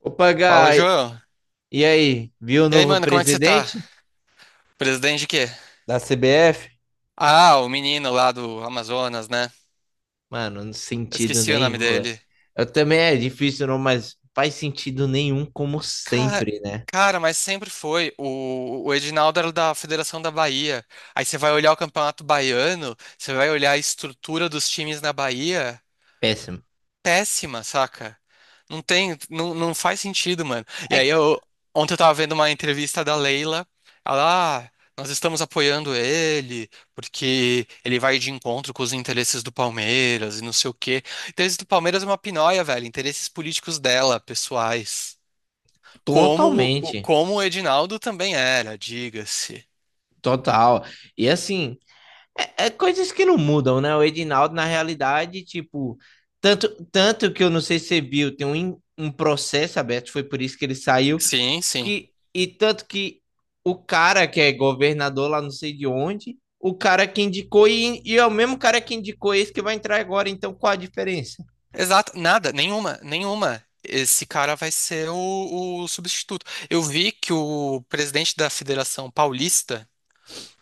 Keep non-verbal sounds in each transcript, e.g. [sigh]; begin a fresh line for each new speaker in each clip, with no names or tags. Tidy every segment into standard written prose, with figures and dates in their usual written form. Opa,
Fala,
Gai,
João.
e aí? Viu o
E aí,
novo
mano, como é que você tá?
presidente
Presidente de quê?
da CBF?
Ah, o menino lá do Amazonas, né?
Mano, não
Eu
sentido
esqueci o nome
nenhum, velho.
dele.
Eu também é difícil, não, mas faz sentido nenhum, como
Cara,
sempre, né?
cara, mas sempre foi. O Edinaldo era da Federação da Bahia. Aí você vai olhar o Campeonato Baiano, você vai olhar a estrutura dos times na Bahia.
Péssimo.
Péssima, saca? Não tem, não, não faz sentido, mano. E
É
aí
que-
eu ontem eu tava vendo uma entrevista da Leila, ela, nós estamos apoiando ele porque ele vai de encontro com os interesses do Palmeiras e não sei o quê. Interesses do Palmeiras é uma pinóia, velho, interesses políticos dela, pessoais. Como o-
totalmente,
como o Edinaldo também era, diga-se.
total. E assim, é coisas que não mudam, né? O Edinaldo, na realidade, tipo, tanto que eu não sei se você viu, tem um processo aberto, foi por isso que ele saiu
Sim, sim.
que e tanto que o cara que é governador lá não sei de onde, o cara que indicou e é o mesmo cara que indicou esse que vai entrar agora, então qual a diferença?
Exato, nada, nenhuma, nenhuma. Esse cara vai ser o substituto. Eu vi que o presidente da Federação Paulista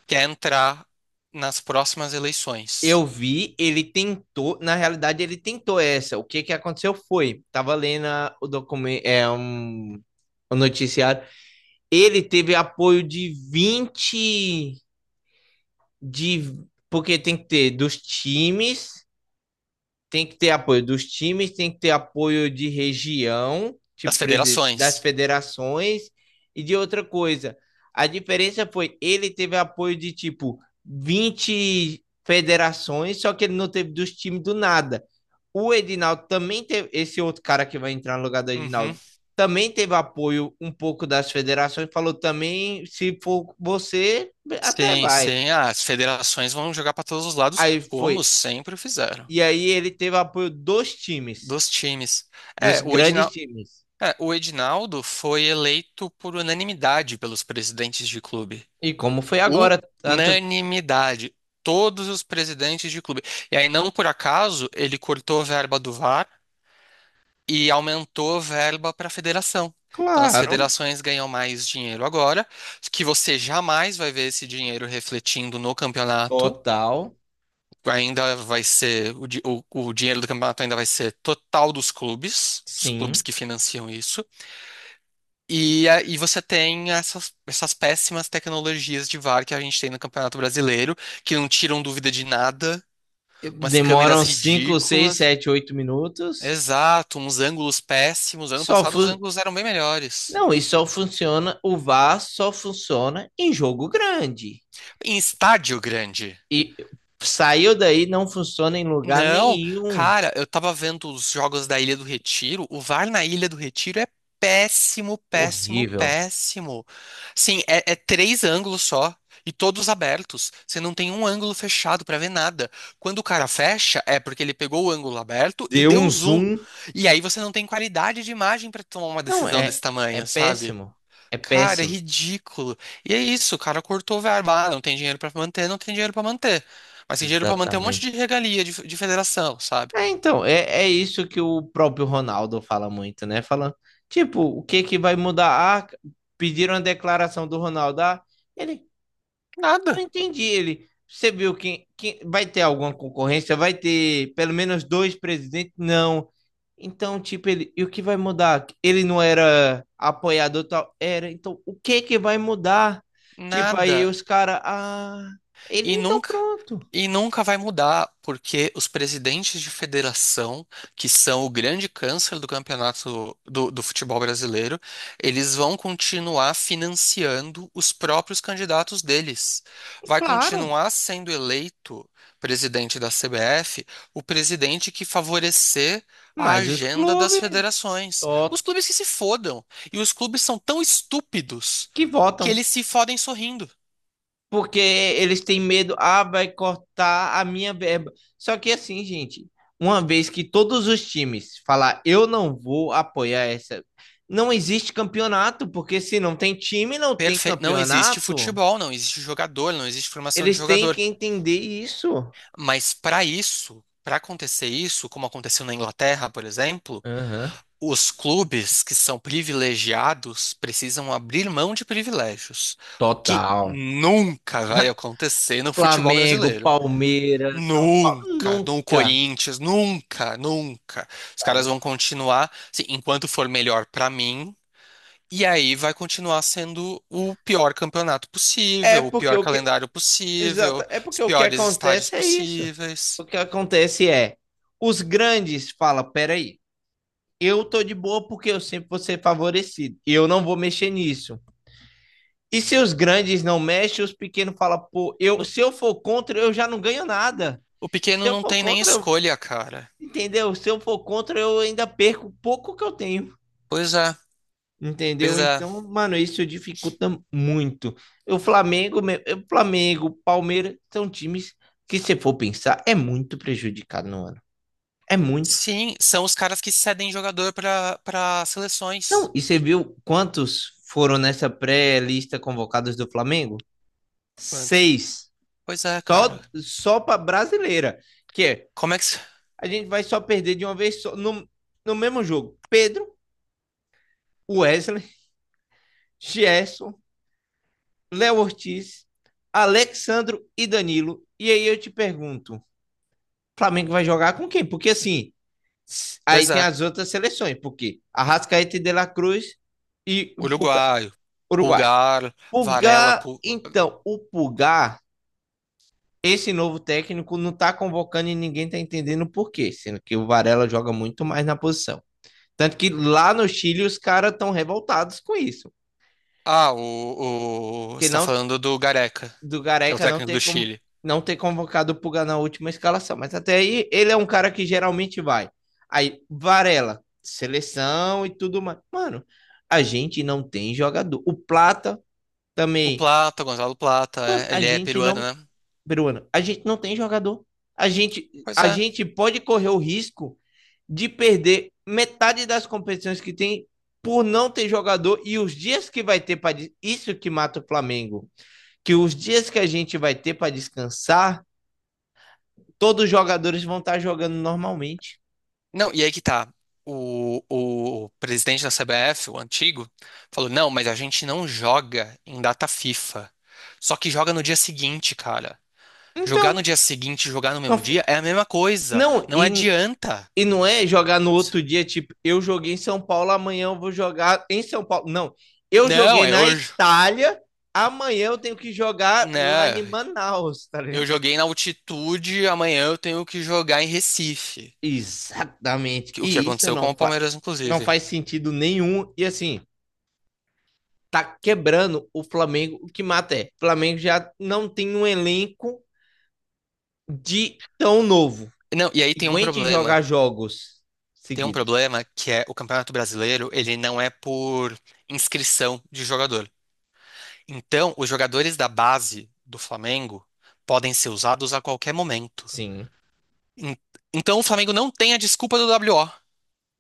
quer entrar nas próximas eleições
Eu vi, ele tentou, na realidade ele tentou essa. O que que aconteceu foi, tava lendo o documento, é um o noticiário, ele teve apoio de 20 de porque tem que ter dos times, tem que ter apoio dos times, tem que ter apoio de região,
das
tipo das
federações.
federações e de outra coisa. A diferença foi ele teve apoio de tipo 20 federações, só que ele não teve dos times do nada. O Edinaldo também teve, esse outro cara que vai entrar no lugar do
Uhum.
Edinaldo também teve apoio um pouco das federações, falou também, se for você, até
Sim,
vai.
sim. Ah, as federações vão jogar para todos os lados,
Aí
como
foi.
sempre fizeram,
E aí ele teve apoio dos times,
dos times.
dos
É, o
grandes
Edinal,
times.
é, o Edinaldo foi eleito por unanimidade pelos presidentes de clube.
E como foi agora, tanto que-
Unanimidade. Todos os presidentes de clube. E aí, não por acaso, ele cortou a verba do VAR e aumentou a verba para a federação. Então, as
claro,
federações ganham mais dinheiro agora, que você jamais vai ver esse dinheiro refletindo no campeonato.
total,
Ainda vai ser, o, di- o dinheiro do campeonato ainda vai ser total dos clubes, os clubes
sim.
que financiam isso. E você tem essas, essas péssimas tecnologias de VAR que a gente tem no Campeonato Brasileiro, que não tiram dúvida de nada, umas câmeras
Demoram 5 6
ridículas.
7 8 minutos.
Exato, uns ângulos péssimos. Ano
Só
passado os
fu-
ângulos eram bem melhores.
Não, e só funciona, o VAR só funciona em jogo grande.
Em estádio grande.
E saiu daí, não funciona em lugar
Não,
nenhum.
cara, eu tava vendo os jogos da Ilha do Retiro. O VAR na Ilha do Retiro é péssimo, péssimo,
Horrível.
péssimo. Sim, é, é três ângulos só e todos abertos. Você não tem um ângulo fechado pra ver nada. Quando o cara fecha, é porque ele pegou o ângulo aberto e
Deu
deu
um
zoom.
zoom.
E aí você não tem qualidade de imagem pra tomar uma
Não,
decisão
é,
desse
é
tamanho, sabe?
péssimo. É
Cara, é
péssimo.
ridículo. E é isso, o cara cortou verba. Ah, não tem dinheiro pra manter, não tem dinheiro pra manter. Mas tem dinheiro pra manter um monte de
Exatamente.
regalia de federação, sabe?
É, então, é isso que o próprio Ronaldo fala muito, né? Falando, tipo, o que que vai mudar? Ah, pediram a declaração do Ronaldo. Ah, ele, não
Nada.
entendi. Ele, você viu que vai ter alguma concorrência? Vai ter pelo menos dois presidentes? Não. Então, tipo, ele, e o que vai mudar? Ele não era apoiador tal? Era. Então, o que que vai mudar? Tipo, aí
Nada.
os caras, ah, ele
E
então
nunca,
pronto.
e nunca vai mudar, porque os presidentes de federação, que são o grande câncer do campeonato do futebol brasileiro, eles vão continuar financiando os próprios candidatos deles. Vai
Claro.
continuar sendo eleito presidente da CBF o presidente que favorecer. A
Mas os
agenda das
clubes,
federações. Os clubes que se fodam. E os clubes são tão estúpidos
que
que
votam,
eles se fodem sorrindo.
porque eles têm medo, ah, vai cortar a minha verba. Só que assim, gente, uma vez que todos os times falar, eu não vou apoiar essa, não existe campeonato, porque se não tem time, não tem
Perfeito. Não existe
campeonato.
futebol, não existe jogador, não existe formação de
Eles têm
jogador.
que entender isso.
Mas para isso, para acontecer isso, como aconteceu na Inglaterra, por exemplo,
Aham,
os clubes que são privilegiados precisam abrir mão de privilégios, o que
total.
nunca vai acontecer no futebol
Flamengo,
brasileiro.
Palmeiras, São Paulo,
Nunca, no
nunca,
Corinthians, nunca, nunca. Os caras
sabe?
vão continuar, assim, enquanto for melhor para mim, e aí vai continuar sendo o pior campeonato
É
possível, o
porque
pior
o que
calendário
Exato.
possível,
É
os
porque o que
piores estádios
acontece é isso. O
possíveis.
que acontece é, os grandes falam, peraí, eu tô de boa porque eu sempre vou ser favorecido. E eu não vou mexer nisso. E se os grandes não mexem, os pequenos falam, pô, eu,
No-
se eu for contra, eu já não ganho nada.
O
Se
pequeno
eu
não
for
tem nem
contra, eu-
escolha, cara.
entendeu? Se eu for contra, eu ainda perco o pouco que eu tenho.
Pois é,
Entendeu?
pois é.
Então, mano, isso dificulta muito. O Flamengo, Palmeiras são times que, se for pensar, é muito prejudicado no ano. É muito.
Sim, são os caras que cedem jogador para
Não,
seleções.
e você viu quantos foram nessa pré-lista convocados do Flamengo?
Quantos?
6.
Pois é,
Só,
cara.
só para brasileira. Que é,
Como é que. Se-
a gente vai só perder de uma vez só, no, no mesmo jogo. Pedro, Wesley, Gerson, Léo Ortiz, Alexandro e Danilo. E aí eu te pergunto. Flamengo vai jogar com quem? Porque assim, aí
Pois
tem
é.
as outras seleções, porque Arrascaeta e De La Cruz e o
Uruguaio,
Uruguai.
Pulgar, Varela.
Pulgar,
Pul-
então, o Pulgar, esse novo técnico não tá convocando e ninguém tá entendendo o porquê, sendo que o Varela joga muito mais na posição. Tanto que lá no Chile os caras estão revoltados com isso,
Ah, o.
que
Você tá
não
falando do Gareca,
do
que é o
Gareca não
técnico do Chile.
não ter convocado o Puga na última escalação. Mas até aí, ele é um cara que geralmente vai. Aí, Varela, seleção e tudo mais. Mano, a gente não tem jogador. O Plata
O
também.
Plata, o Gonzalo Plata,
Mano,
é,
a
ele é
gente
peruano,
não.
né?
Peruano, a gente não tem jogador. A gente,
Pois
a
é.
gente pode correr o risco de perder metade das competições que tem por não ter jogador e os dias que vai ter para isso que mata o Flamengo, que os dias que a gente vai ter para descansar todos os jogadores vão estar jogando normalmente.
Não, e aí que tá. O, o presidente da CBF, o antigo, falou: não, mas a gente não joga em data FIFA. Só que joga no dia seguinte, cara. Jogar no
Então,
dia seguinte e jogar no
não,
mesmo dia é a mesma coisa.
não
Não
e,
adianta.
e não é jogar no outro dia, tipo, eu joguei em São Paulo, amanhã eu vou jogar em São Paulo. Não, eu
Não,
joguei
é
na
hoje.
Itália, amanhã eu tenho que jogar lá
Né?
em Manaus, tá ligado?
Eu joguei na altitude, amanhã eu tenho que jogar em Recife.
Exatamente.
O que aconteceu com o Palmeiras,
Não
inclusive.
faz sentido nenhum. E assim, tá quebrando o Flamengo, o que mata é. O Flamengo já não tem um elenco de tão novo.
Não, e aí tem um
Aguente
problema.
jogar jogos
Tem um
seguidos.
problema que é o Campeonato Brasileiro, ele não é por inscrição de jogador. Então, os jogadores da base do Flamengo podem ser usados a qualquer momento.
Sim.
En- Então, o Flamengo não tem a desculpa do WO.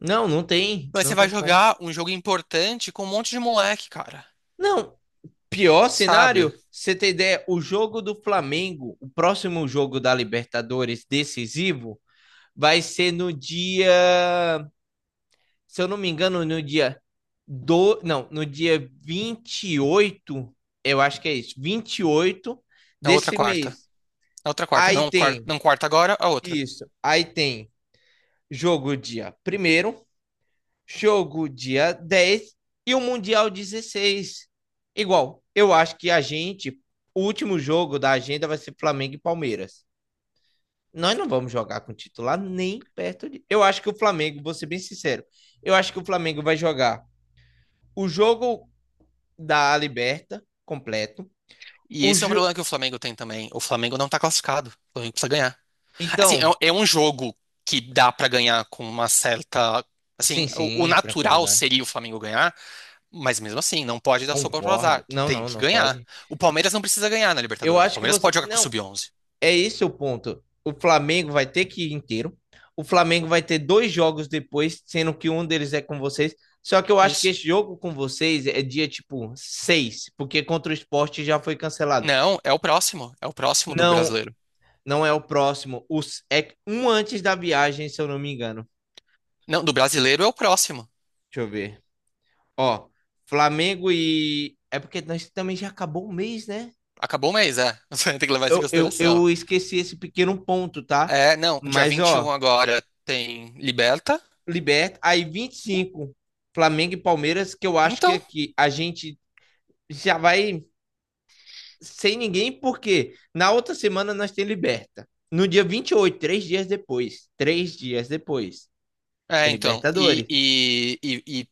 Não, não tem,
Mas
não
você vai
tem como.
jogar um jogo importante com um monte de moleque, cara.
Não, pior
Sabe?
cenário, você tem ideia, o jogo do Flamengo, o próximo jogo da Libertadores decisivo, vai ser no dia, se eu não me engano, não, no dia 28. Eu acho que é isso, 28
Na outra
desse
quarta.
mês.
Na outra quarta.
Aí
Não, quarta,
tem
não quarta agora, a outra.
isso, aí tem jogo dia primeiro, jogo dia 10 e o Mundial 16. Igual, eu acho que a gente, o último jogo da agenda vai ser Flamengo e Palmeiras. Nós não vamos jogar com titular nem perto de. Eu acho que o Flamengo, vou ser bem sincero, eu acho que o Flamengo vai jogar o jogo da Liberta completo.
E
O
esse é um
jo...
problema que o Flamengo tem também. O Flamengo não tá classificado. O Flamengo precisa ganhar. Assim, é,
Então,
é um jogo que dá pra ganhar com uma certa. Assim,
sim,
o
sim,
natural
tranquilidade.
seria o Flamengo ganhar, mas mesmo assim, não pode dar sopa pro
Concordo.
azar.
Não,
Tem
não,
que
não
ganhar.
pode.
O Palmeiras não precisa ganhar na
Eu
Libertadores. O
acho que
Palmeiras
você.
pode jogar com o
Não,
Sub-11.
é esse o ponto. O Flamengo vai ter que ir inteiro. O Flamengo vai ter dois jogos depois, sendo que um deles é com vocês. Só que eu acho que
Isso.
esse jogo com vocês é dia tipo 6, porque contra o esporte já foi cancelado.
Não, é o próximo. É o próximo do
Não,
brasileiro.
não é o próximo. Os, é um antes da viagem, se eu não me engano.
Não, do brasileiro é o próximo.
Deixa eu ver. Ó, Flamengo e. É porque nós também já acabou o mês, né?
Acabou o mês, é. [laughs] Você tem que levar isso em
Eu, eu,
consideração.
eu esqueci esse pequeno ponto, tá?
É, não, dia
Mas,
21
ó,
agora tem Liberta.
liberta. Aí 25 Flamengo e Palmeiras, que eu acho que
Então,
aqui a gente já vai sem ninguém, porque na outra semana nós tem liberta. No dia 28, três dias depois. Três dias depois. Tem
É, então, e,
Libertadores.
e- e- e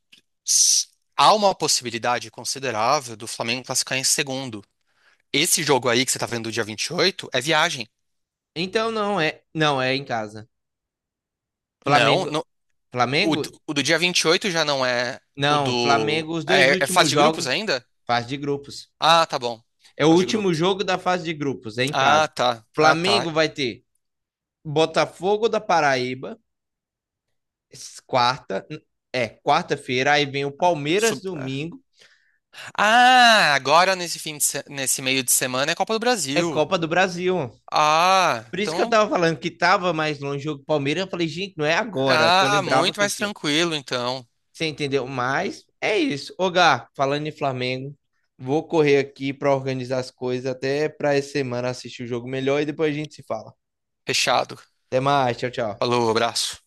s- há uma possibilidade considerável do Flamengo classificar em segundo. Esse jogo aí que você tá vendo do dia 28 é viagem.
Então não é. Não, é em casa.
Não,
Flamengo.
não-
Flamengo?
o do dia 28 já não é o
Não,
do.
Flamengo, os dois
é, é fase
últimos
de grupos
jogos,
ainda?
fase de grupos.
Ah, tá bom.
É o
Fase de
último
grupos.
jogo da fase de grupos, é em
Ah,
casa.
tá. Ah, tá.
Flamengo vai ter Botafogo da Paraíba, quarta, é, quarta-feira, aí vem o Palmeiras
Sub- é.
domingo,
Ah, agora nesse fim de se- nesse meio de semana é Copa do
é
Brasil.
Copa do Brasil.
Ah,
Por isso que eu
então.
tava falando que tava mais longe o jogo do Palmeiras, eu falei, gente, não é agora, que eu
Ah,
lembrava
muito
que
mais
tinha.
tranquilo, então.
Você entendeu? Mas é isso. Ô, Gá, falando em Flamengo, vou correr aqui para organizar as coisas até para essa semana assistir o jogo melhor e depois a gente se fala.
Fechado.
Até mais, tchau, tchau.
Falou, abraço.